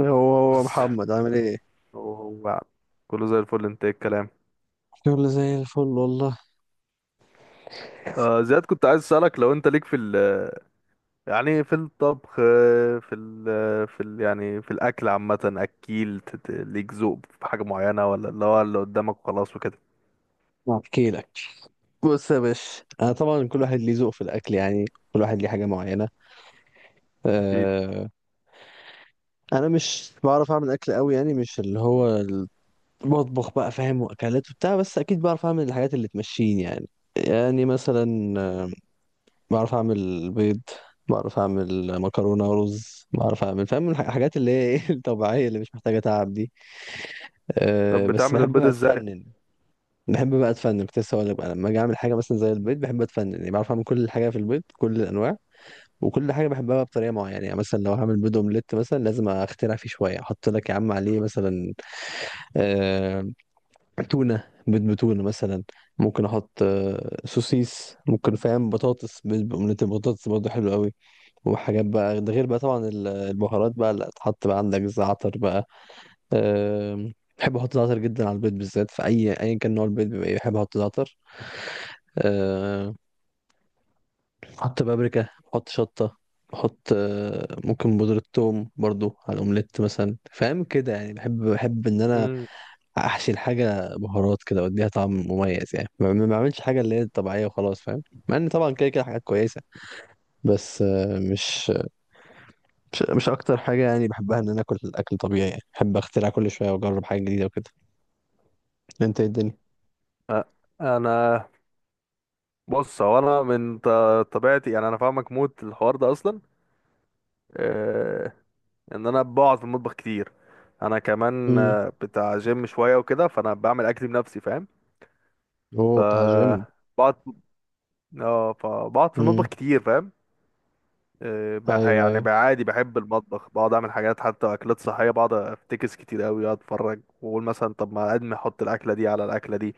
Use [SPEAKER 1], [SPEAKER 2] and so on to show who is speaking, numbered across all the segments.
[SPEAKER 1] هو هو
[SPEAKER 2] بس.
[SPEAKER 1] محمد عامل ايه؟
[SPEAKER 2] وهو كله زي الفل، انت ايه الكلام؟
[SPEAKER 1] شغل زي الفل والله.
[SPEAKER 2] زياد، كنت عايز اسالك لو انت ليك في ال يعني في الطبخ، في ال في ال يعني في الاكل عامه، ليك ذوق في حاجه معينه، ولا اللي هو اللي قدامك وخلاص وكده؟
[SPEAKER 1] احكي لك، بص يا باشا، انا طبعا كل واحد ليه ذوق في الاكل يعني، كل واحد ليه حاجه معينه.
[SPEAKER 2] اكيد.
[SPEAKER 1] أه، انا مش بعرف اعمل اكل قوي، يعني مش اللي هو المطبخ بقى، فاهم، واكلات وبتاع، بس اكيد بعرف اعمل الحاجات اللي تمشيني يعني. يعني مثلا بعرف اعمل بيض، بعرف اعمل مكرونه ورز، بعرف اعمل، فاهم، الحاجات اللي هي ايه الطبيعيه اللي مش محتاجه تعب دي. أه
[SPEAKER 2] طب
[SPEAKER 1] بس
[SPEAKER 2] بتعمل
[SPEAKER 1] بحب
[SPEAKER 2] البيض
[SPEAKER 1] بقى
[SPEAKER 2] ازاي؟
[SPEAKER 1] اتفنن. بحب بقى اتفنن، كنت لسه هقول لك بقى، لما اجي اعمل حاجه مثلا زي البيض بحب اتفنن يعني، بعرف اعمل كل حاجه في البيض، كل الانواع. وكل حاجه بحبها بقى بطريقه معينه يعني. مثلا لو هعمل بيض اومليت مثلا، لازم اخترع فيه شويه، احط لك يا عم عليه مثلا آه... تونه، بيض بتونه مثلا. ممكن احط سوسيس، ممكن، فاهم، بطاطس، بيض باومليت البطاطس برضه حلو قوي. وحاجات بقى، ده غير بقى طبعا البهارات بقى اللي تحط، بقى عندك زعتر بقى. آه... بحب احط زعتر جدا على البيض بالذات، في اي ايا كان نوع البيض بيبقى بحب احط زعتر. بحط بابريكا، بحط شطة، بحط ممكن بودرة ثوم برضو على الأومليت مثلا، فاهم كده يعني. بحب إن أنا
[SPEAKER 2] امم
[SPEAKER 1] أحشي الحاجة بهارات كده وأديها طعم مميز يعني، ما بعملش حاجة اللي هي طبيعية وخلاص، فاهم. مع إن طبعا كده كده حاجات كويسة، بس مش أكتر حاجة يعني بحبها إن أنا آكل أكل طبيعي، يعني بحب أخترع كل شوية وأجرب حاجة جديدة وكده. أنت إيه الدنيا؟
[SPEAKER 2] انا بص، هو انا من ط- طبيعتي يعني، انا فاهمك موت الحوار ده اصلا. آه ان انا بقعد في المطبخ كتير، انا كمان
[SPEAKER 1] امم،
[SPEAKER 2] بتاع جيم شويه وكده، فانا بعمل اكل بنفسي فاهم؟ ف
[SPEAKER 1] أوه، بتاع جيم.
[SPEAKER 2] بقعد اه فبقعد في المطبخ
[SPEAKER 1] امم.
[SPEAKER 2] كتير فاهم؟
[SPEAKER 1] أيوه
[SPEAKER 2] يعني
[SPEAKER 1] أيوه.
[SPEAKER 2] بقى عادي، بحب المطبخ، بقعد اعمل حاجات حتى اكلات صحيه، بقعد افتكس كتير قوي، اقعد اتفرج واقول مثلا طب ما ادمي احط الاكله دي على الاكله دي.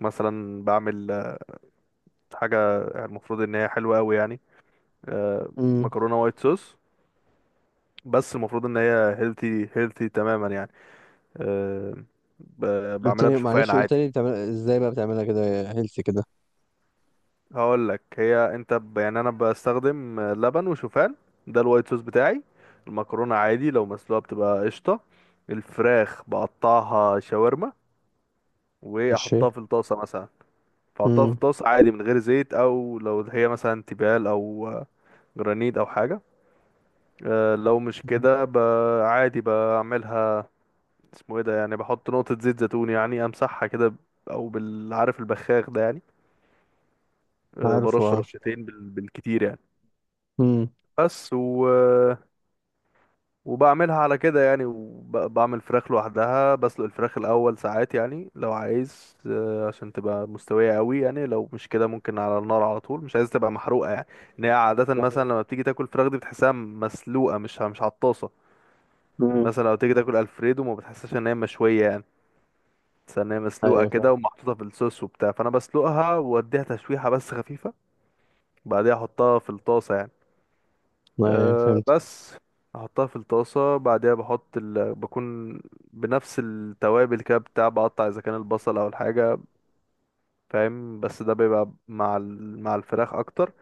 [SPEAKER 2] مثلا بعمل حاجه يعني المفروض ان هي حلوه قوي يعني، آه،
[SPEAKER 1] امم.
[SPEAKER 2] مكرونه وايت صوص، بس المفروض ان هي هيلثي هيلثي تماما يعني. آه،
[SPEAKER 1] قلت
[SPEAKER 2] بعملها
[SPEAKER 1] لي،
[SPEAKER 2] بشوفان
[SPEAKER 1] معلش قلت
[SPEAKER 2] عادي.
[SPEAKER 1] لي بتعمل إزاي بقى، بتعملها كده هيلثي كده؟
[SPEAKER 2] هقول لك، يعني انا بستخدم لبن وشوفان، ده الوايت صوص بتاعي. المكرونه عادي لو مسلوقه بتبقى قشطه. الفراخ بقطعها شاورما
[SPEAKER 1] ماشي.
[SPEAKER 2] واحطها في الطاسه مثلا. فاحطها في
[SPEAKER 1] امم.
[SPEAKER 2] الطاسه عادي من غير زيت، او لو هي مثلا تيفال او جرانيت او حاجه. اه، لو مش
[SPEAKER 1] مم.
[SPEAKER 2] كده عادي بعملها، اسمه ايه ده يعني، بحط نقطه زيت زيتون يعني، امسحها كده او بالعارف البخاخ ده يعني، اه،
[SPEAKER 1] عارفه،
[SPEAKER 2] برش
[SPEAKER 1] اه.
[SPEAKER 2] رشتين بالكتير يعني.
[SPEAKER 1] امم.
[SPEAKER 2] بس. وبعملها على كده يعني. وبعمل فراخ لوحدها، بسلق الفراخ الأول ساعات يعني لو عايز عشان تبقى مستوية قوي يعني، لو مش كده ممكن على النار على طول، مش عايز تبقى محروقة يعني. ان هي عادة مثلا
[SPEAKER 1] ايوه.
[SPEAKER 2] لما بتيجي تاكل فراخ دي بتحسها مسلوقة، مش على الطاسة.
[SPEAKER 1] مم.
[SPEAKER 2] مثلا لو تيجي تاكل الفريدو ما بتحسش ان هي مشوية يعني، بس ان هي مسلوقة
[SPEAKER 1] أيوة،
[SPEAKER 2] كده
[SPEAKER 1] فاهم.
[SPEAKER 2] ومحطوطة في الصوص وبتاع، فانا بسلقها واديها تشويحة بس خفيفة. بعدها احطها في الطاسة يعني.
[SPEAKER 1] ايوه،
[SPEAKER 2] أه
[SPEAKER 1] فهمت.
[SPEAKER 2] بس احطها في الطاسه، بعدها بكون بنفس التوابل كده بتاع، بقطع اذا كان البصل او الحاجه فاهم؟ بس ده بيبقى مع الفراخ اكتر.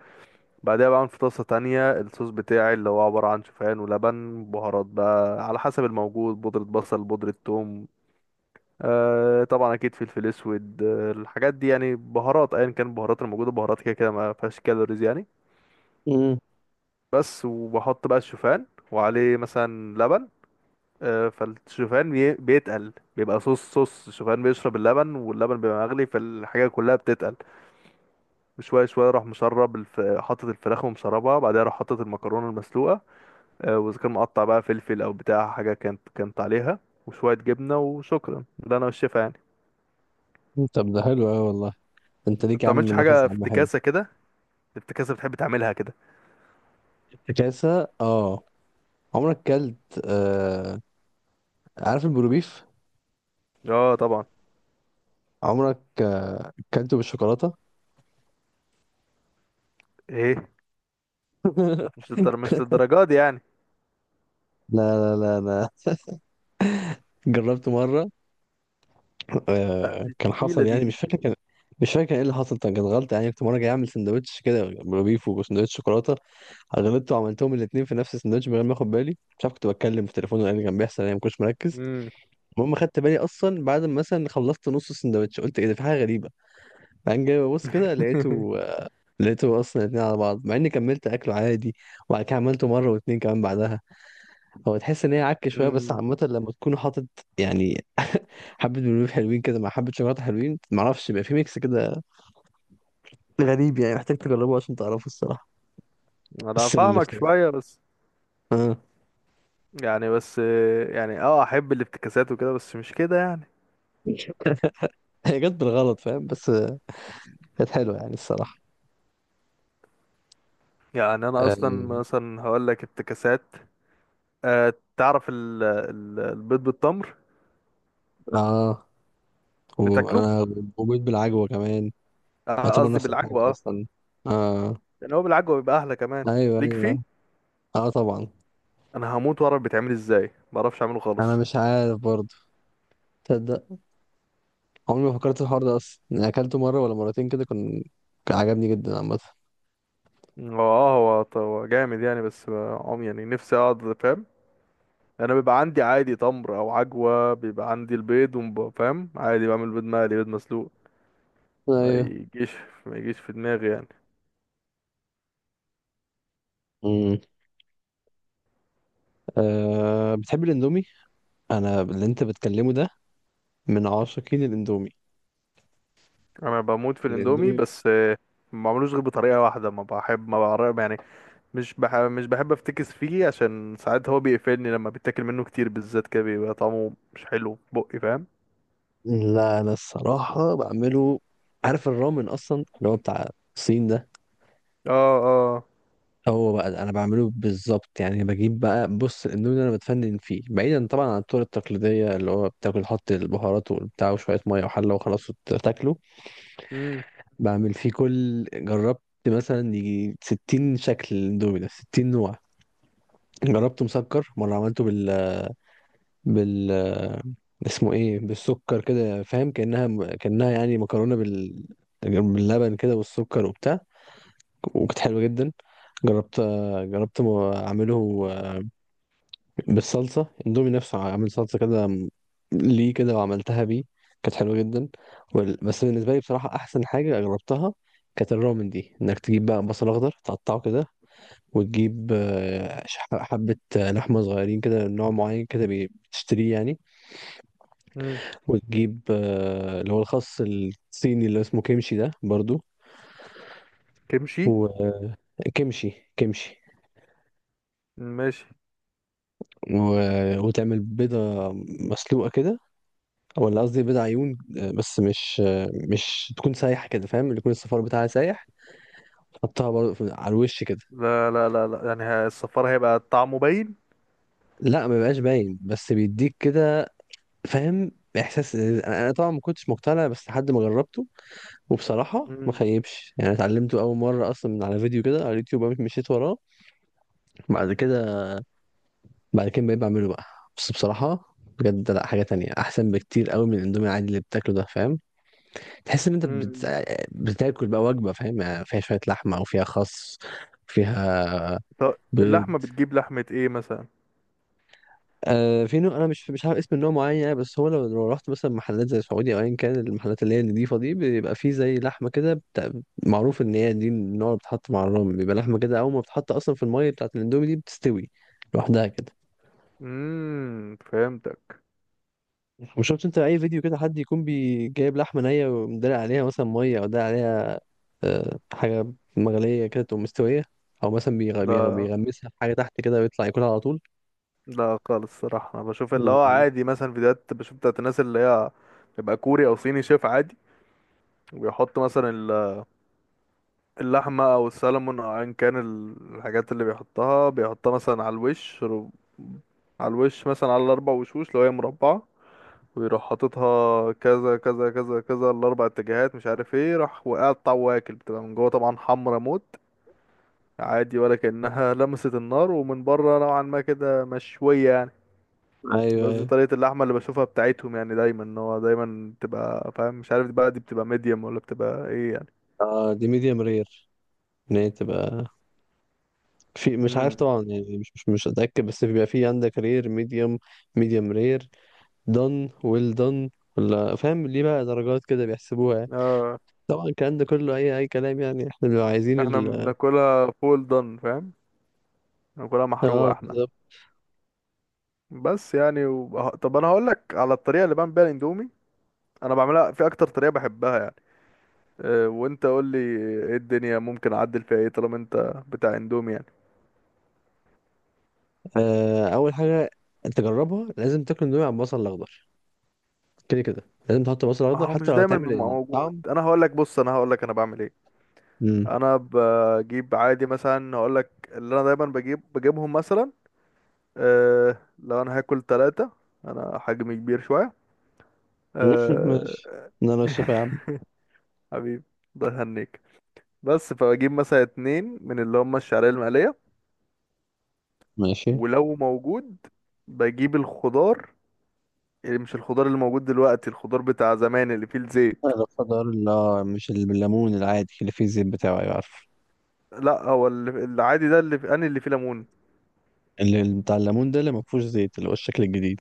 [SPEAKER 2] بعدها بعمل في طاسه تانية الصوص بتاعي، اللي هو عباره عن شوفان ولبن، بهارات بقى على حسب الموجود، بودره بصل، بودره ثوم، أه طبعا اكيد فلفل اسود، أه الحاجات دي يعني، بهارات ايا كان البهارات الموجوده، بهارات كده كده ما فيهاش كالوريز يعني.
[SPEAKER 1] امم.
[SPEAKER 2] بس. وبحط بقى الشوفان وعليه مثلا لبن. فالشوفان بيتقل بيبقى صوص، صوص الشوفان بيشرب اللبن، واللبن بيبقى مغلي، فالحاجة كلها بتتقل. وشوية شوية حاطط الفراخ ومشربها، بعدها راح حاطط المكرونة المسلوقة. وإذا كان مقطع بقى فلفل أو بتاع حاجة كانت عليها وشوية جبنة وشكرا، ده أنا والشيف يعني.
[SPEAKER 1] طب ده حلو قوي والله. انت
[SPEAKER 2] بس
[SPEAKER 1] ليك يا عم
[SPEAKER 2] متعملش
[SPEAKER 1] نفس
[SPEAKER 2] حاجة
[SPEAKER 1] يا
[SPEAKER 2] في
[SPEAKER 1] عم حلو.
[SPEAKER 2] افتكاسة كده؟ افتكاسة بتحب تعملها كده؟
[SPEAKER 1] افتكاسة، اه. عمرك كلت عارف البروبيف؟
[SPEAKER 2] اه طبعا.
[SPEAKER 1] عمرك كلته بالشوكولاتة؟
[SPEAKER 2] ايه؟ مش للدرجات دي يعني.
[SPEAKER 1] لا لا لا لا. جربت مرة
[SPEAKER 2] لا، دي
[SPEAKER 1] كان
[SPEAKER 2] تقيلة،
[SPEAKER 1] حصل
[SPEAKER 2] دي
[SPEAKER 1] يعني،
[SPEAKER 2] دي
[SPEAKER 1] مش فاكر كان ايه اللي حصل، كان غلط يعني. كنت مرة جاي اعمل سندوتش كده بروبيف وسندوتش شوكولاتة، غلطت وعملتهم الاثنين في نفس السندوتش من غير ما اخد بالي، مش عارف كنت بتكلم في تليفون ولا إيه اللي كان بيحصل يعني، ما كنتش مركز.
[SPEAKER 2] مم.
[SPEAKER 1] المهم خدت بالي اصلا بعد ما مثلا خلصت نص السندوتش، قلت ايه ده، في حاجه غريبه. بعدين جاي ببص كده، لقيته اصلا الاثنين على بعض، مع اني كملت اكله عادي. وبعد كده عملته مره واثنين كمان بعدها. هو تحس ان هي عك شويه، بس
[SPEAKER 2] مم.
[SPEAKER 1] عامه لما تكون حاطط يعني حبه بلوبيف حلوين كده مع حبه شوكولاته حلوين، معرفش، بيبقى في ميكس كده غريب يعني، محتاج تجربه عشان تعرفه الصراحه.
[SPEAKER 2] انا
[SPEAKER 1] بس اللي
[SPEAKER 2] فاهمك
[SPEAKER 1] افتكر،
[SPEAKER 2] شوية بس.
[SPEAKER 1] اه،
[SPEAKER 2] يعني بس، يعني اه احب الافتكاسات وكده، بس مش كده يعني.
[SPEAKER 1] هي جت بالغلط، فاهم، بس كانت حلوة يعني الصراحة.
[SPEAKER 2] يعني انا
[SPEAKER 1] اه.
[SPEAKER 2] اصلا مثلا هقول لك افتكاسات، أه تعرف ال البيض بالتمر
[SPEAKER 1] آه.
[SPEAKER 2] بتاكله؟
[SPEAKER 1] وانا وبيت بالعجوة كمان. يعتبر
[SPEAKER 2] قصدي
[SPEAKER 1] نفس الحاجة
[SPEAKER 2] بالعجوه اه.
[SPEAKER 1] اصلا. اه.
[SPEAKER 2] يعني هو بالعجوه بيبقى احلى كمان،
[SPEAKER 1] ايوه
[SPEAKER 2] ليك فيه؟
[SPEAKER 1] ايوه. اه طبعا.
[SPEAKER 2] انا هموت واعرف بيتعمل ازاي، ما اعرفش اعمله
[SPEAKER 1] انا
[SPEAKER 2] خالص.
[SPEAKER 1] مش عارف برضه، تصدق، عمري ما فكرت في الحوار ده اصلا يعني، اكلته مرة ولا مرتين كده، كان كان عجبني جدا عامة.
[SPEAKER 2] هو اه، هو جامد يعني، بس عم يعني نفسي اقعد فاهم. انا بيبقى عندي عادي تمر او عجوه، بيبقى عندي البيض فاهم؟ عادي بعمل بيض مقلي، بيض مسلوق، ما
[SPEAKER 1] ايوه.
[SPEAKER 2] يجيش ما يجيش في دماغي يعني.
[SPEAKER 1] امم. آه، بتحب الاندومي؟ انا اللي انت بتكلمه ده من عاشقين الاندومي.
[SPEAKER 2] انا بموت في الاندومي،
[SPEAKER 1] الاندومي.
[SPEAKER 2] بس ما بعملوش غير بطريقه واحده، ما بحب ما بعرف يعني، مش بحب افتكس فيه عشان ساعات هو بيقفلني، لما بيتاكل منه كتير بالذات كده بيبقى طعمه مش حلو في بقي فاهم؟
[SPEAKER 1] لا انا الصراحة بعمله. عارف الرامن اصلا اللي هو بتاع الصين ده؟
[SPEAKER 2] اه. اه.
[SPEAKER 1] هو بقى ده انا بعمله بالظبط يعني. بجيب بقى، بص، الاندومي اللي انا بتفنن فيه، بعيدا طبعا عن الطرق التقليديه اللي هو بتاكل، حط البهارات وبتاع وشويه ميه وحله وخلاص وتاكله.
[SPEAKER 2] امم.
[SPEAKER 1] بعمل فيه كل، جربت مثلا يجي 60 شكل الاندومي ده، 60 نوع. جربته مسكر مره، عملته بال اسمه ايه، بالسكر كده، فاهم، كانها يعني مكرونه باللبن كده والسكر وبتاع، وكانت حلوه جدا. جربت جربت اعمله بالصلصة، اندومي نفسه عامل صلصة كده، ليه كده، وعملتها بيه، كانت حلوة جدا. بس بالنسبة لي بصراحة أحسن حاجة جربتها كانت الرامن دي، إنك تجيب بقى بصل أخضر تقطعه كده، وتجيب حبة لحمة صغيرين كده، نوع معين كده بتشتريه يعني.
[SPEAKER 2] امم.
[SPEAKER 1] وتجيب اللي هو الخس الصيني اللي اسمه كيمشي ده برضو،
[SPEAKER 2] كمشي.
[SPEAKER 1] وكيمشي، كيمشي.
[SPEAKER 2] ماشي.
[SPEAKER 1] و... وتعمل بيضة مسلوقة كده، ولا قصدي بيض عيون، بس مش تكون سايحه كده، فاهم، اللي يكون الصفار بتاعها سايح. تحطها برضه على الوش كده.
[SPEAKER 2] لا يعني الصفار هيبقى طعمه باين.
[SPEAKER 1] لا، ما بيبقاش باين، بس بيديك كده، فاهم، احساس. أنا طبعا ما كنتش مقتنع بس لحد ما جربته، وبصراحه ما
[SPEAKER 2] امم.
[SPEAKER 1] خيبش يعني. اتعلمته اول مره اصلا من على فيديو كده على اليوتيوب، قمت مشيت وراه. بعد كده، بقيت بعمله بقى. بس بصراحه بجد، لا حاجه تانية احسن بكتير قوي من الاندومي العادي اللي بتاكله ده، فاهم. تحس ان انت
[SPEAKER 2] امم.
[SPEAKER 1] بتاكل بقى وجبه، فاهم، يعني فيها شويه لحمه او فيها خس، فيها
[SPEAKER 2] طب
[SPEAKER 1] بيض.
[SPEAKER 2] اللحمه بتجيب لحمه ايه مثلا؟
[SPEAKER 1] آه في نوع، انا مش عارف اسم النوع معين يعني، بس هو لو رحت مثلا محلات زي سعودي او ايا كان المحلات اللي هي النضيفه دي، بيبقى فيه زي لحمه كده معروف ان هي دي النوع اللي بتتحط مع الرام، بيبقى لحمه كده اول ما بتتحط اصلا في الميه بتاعت الاندومي دي، بتستوي لوحدها كده.
[SPEAKER 2] امم، فهمتك.
[SPEAKER 1] وشفت انت اي فيديو كده، حد يكون جايب لحمه نيه ومدلق عليها مثلا ميه او دلق عليها حاجه مغليه كده، تقوم مستويه. او مثلا
[SPEAKER 2] لا
[SPEAKER 1] بيغمسها في حاجه تحت كده ويطلع ياكلها على طول.
[SPEAKER 2] لا خالص، الصراحة انا بشوف اللي هو
[SPEAKER 1] مم.
[SPEAKER 2] عادي مثلا فيديوهات بشوف بتاعت الناس اللي هي بيبقى كوري او صيني شيف عادي، وبيحط مثلا اللحمة او السلمون او ايا كان الحاجات اللي بيحطها، بيحطها مثلا على الوش، مثلا على الاربع وشوش لو هي مربعة، ويروح حاططها كذا كذا كذا كذا، الاربع اتجاهات مش عارف ايه، راح وقطع واكل، بتبقى من جوه طبعا حمرا موت عادي، ولا كأنها لمست النار، ومن بره نوعا ما كده مشوية يعني.
[SPEAKER 1] ايوه
[SPEAKER 2] قصدي
[SPEAKER 1] ايوه.
[SPEAKER 2] طريقة اللحمة اللي بشوفها بتاعتهم يعني دايما ان هو دايما بتبقى فاهم، مش عارف بقى دي بتبقى ميديوم ولا بتبقى ايه يعني.
[SPEAKER 1] اه، دي ميديم رير. ان هي تبقى في، مش عارف
[SPEAKER 2] امم.
[SPEAKER 1] طبعا يعني، مش اتاكد، بس بيبقى في عندك رير، ميديوم، ميديوم رير، دون، ويل دون، ولا، فاهم، ليه بقى درجات كده بيحسبوها يعني.
[SPEAKER 2] اه
[SPEAKER 1] طبعا الكلام ده كله اي كلام يعني، احنا بنبقى عايزين
[SPEAKER 2] احنا
[SPEAKER 1] ال،
[SPEAKER 2] بناكلها فول دون فاهم، بناكلها
[SPEAKER 1] اه.
[SPEAKER 2] محروقة احنا. بس يعني طب انا هقول لك على الطريقة اللي بعمل بيها الاندومي، انا بعملها في اكتر طريقة بحبها يعني. أه وانت قول لي ايه الدنيا ممكن اعدل فيها ايه، طالما انت بتاع اندومي يعني.
[SPEAKER 1] اول حاجه انت جربها، لازم تاكل اندومي على البصل الاخضر. كده كده لازم تحط بصل
[SPEAKER 2] ما
[SPEAKER 1] اخضر
[SPEAKER 2] هو
[SPEAKER 1] حتى
[SPEAKER 2] مش
[SPEAKER 1] لو
[SPEAKER 2] دايما
[SPEAKER 1] هتعمل
[SPEAKER 2] بيبقى موجود،
[SPEAKER 1] الطعم.
[SPEAKER 2] انا هقول لك بص، انا هقول لك انا بعمل ايه.
[SPEAKER 1] مم.
[SPEAKER 2] انا بجيب عادي مثلا، اقول لك اللي انا دايما بجيب، بجيبهم مثلا أه، لو انا هاكل ثلاثة، انا حجمي كبير شوية أه.
[SPEAKER 1] ماشي. انا لو الشفا يا عم.
[SPEAKER 2] حبيبي ده هنيك. بس فبجيب مثلا اتنين من اللي هم الشعرية المقلية،
[SPEAKER 1] ماشي.
[SPEAKER 2] ولو موجود بجيب الخضار، يعني مش الخضار اللي موجود دلوقتي، الخضار بتاع زمان اللي فيه الزيت.
[SPEAKER 1] انا بفضل، لا، مش ال- بالليمون العادي اللي فيه الزيت بتاعه. أيوة، عارفه.
[SPEAKER 2] لا، هو اللي العادي ده انا اللي فيه ليمون،
[SPEAKER 1] اللي بتاع الليمون ده اللي ما فيهوش زيت اللي هو الشكل الجديد.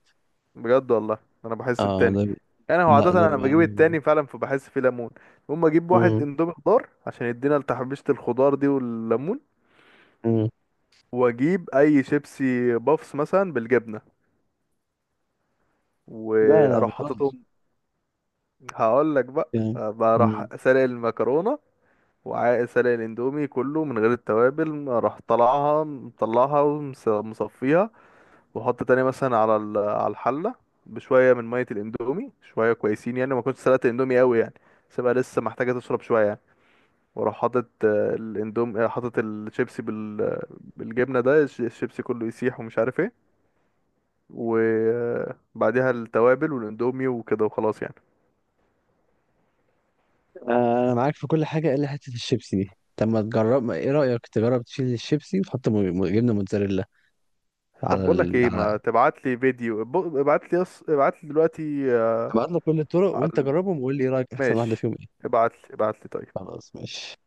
[SPEAKER 2] بجد والله. انا بحس
[SPEAKER 1] اه
[SPEAKER 2] التاني، انا هو عاده
[SPEAKER 1] لا ده
[SPEAKER 2] انا بجيب
[SPEAKER 1] يعني.
[SPEAKER 2] التاني فعلا، فبحس فيه ليمون. اقوم اجيب واحد
[SPEAKER 1] امم.
[SPEAKER 2] اندومي خضار عشان يدينا لتحبيشه الخضار دي والليمون،
[SPEAKER 1] امم.
[SPEAKER 2] واجيب اي شيبسي بافس مثلا بالجبنه،
[SPEAKER 1] لا لا، ما
[SPEAKER 2] واروح
[SPEAKER 1] تقولش
[SPEAKER 2] حاططهم. هقول لك بقى،
[SPEAKER 1] يعني. مم.
[SPEAKER 2] بروح سالق المكرونه وسالق الاندومي كله من غير التوابل، اروح طلعها مطلعها ومصفيها، واحط تاني مثلا على الحله بشويه من ميه الاندومي، شويه كويسين يعني، ما كنتش سلقت الاندومي قوي يعني، سيبها لسه محتاجه تشرب شويه يعني. واروح حاطط آه، الاندوم آه، حاطط الشيبسي بالجبنه ده، الشيبسي كله يسيح ومش عارف ايه، وبعديها التوابل والاندومي وكده وخلاص يعني.
[SPEAKER 1] آه، انا معاك في كل حاجه الا حته الشيبسي دي. طب ما تجرب، ما ايه رايك تجرب تشيل الشيبسي وتحط جبنه موتزاريلا
[SPEAKER 2] طب
[SPEAKER 1] على
[SPEAKER 2] بقول لك ايه،
[SPEAKER 1] على،
[SPEAKER 2] ما تبعت لي فيديو، ابعت لي دلوقتي آه،
[SPEAKER 1] ابعت لك كل الطرق
[SPEAKER 2] على
[SPEAKER 1] وانت
[SPEAKER 2] ال-
[SPEAKER 1] جربهم وقول لي ايه رايك احسن واحده
[SPEAKER 2] ماشي.
[SPEAKER 1] فيهم ايه.
[SPEAKER 2] ابعت لي طيب.
[SPEAKER 1] خلاص ماشي.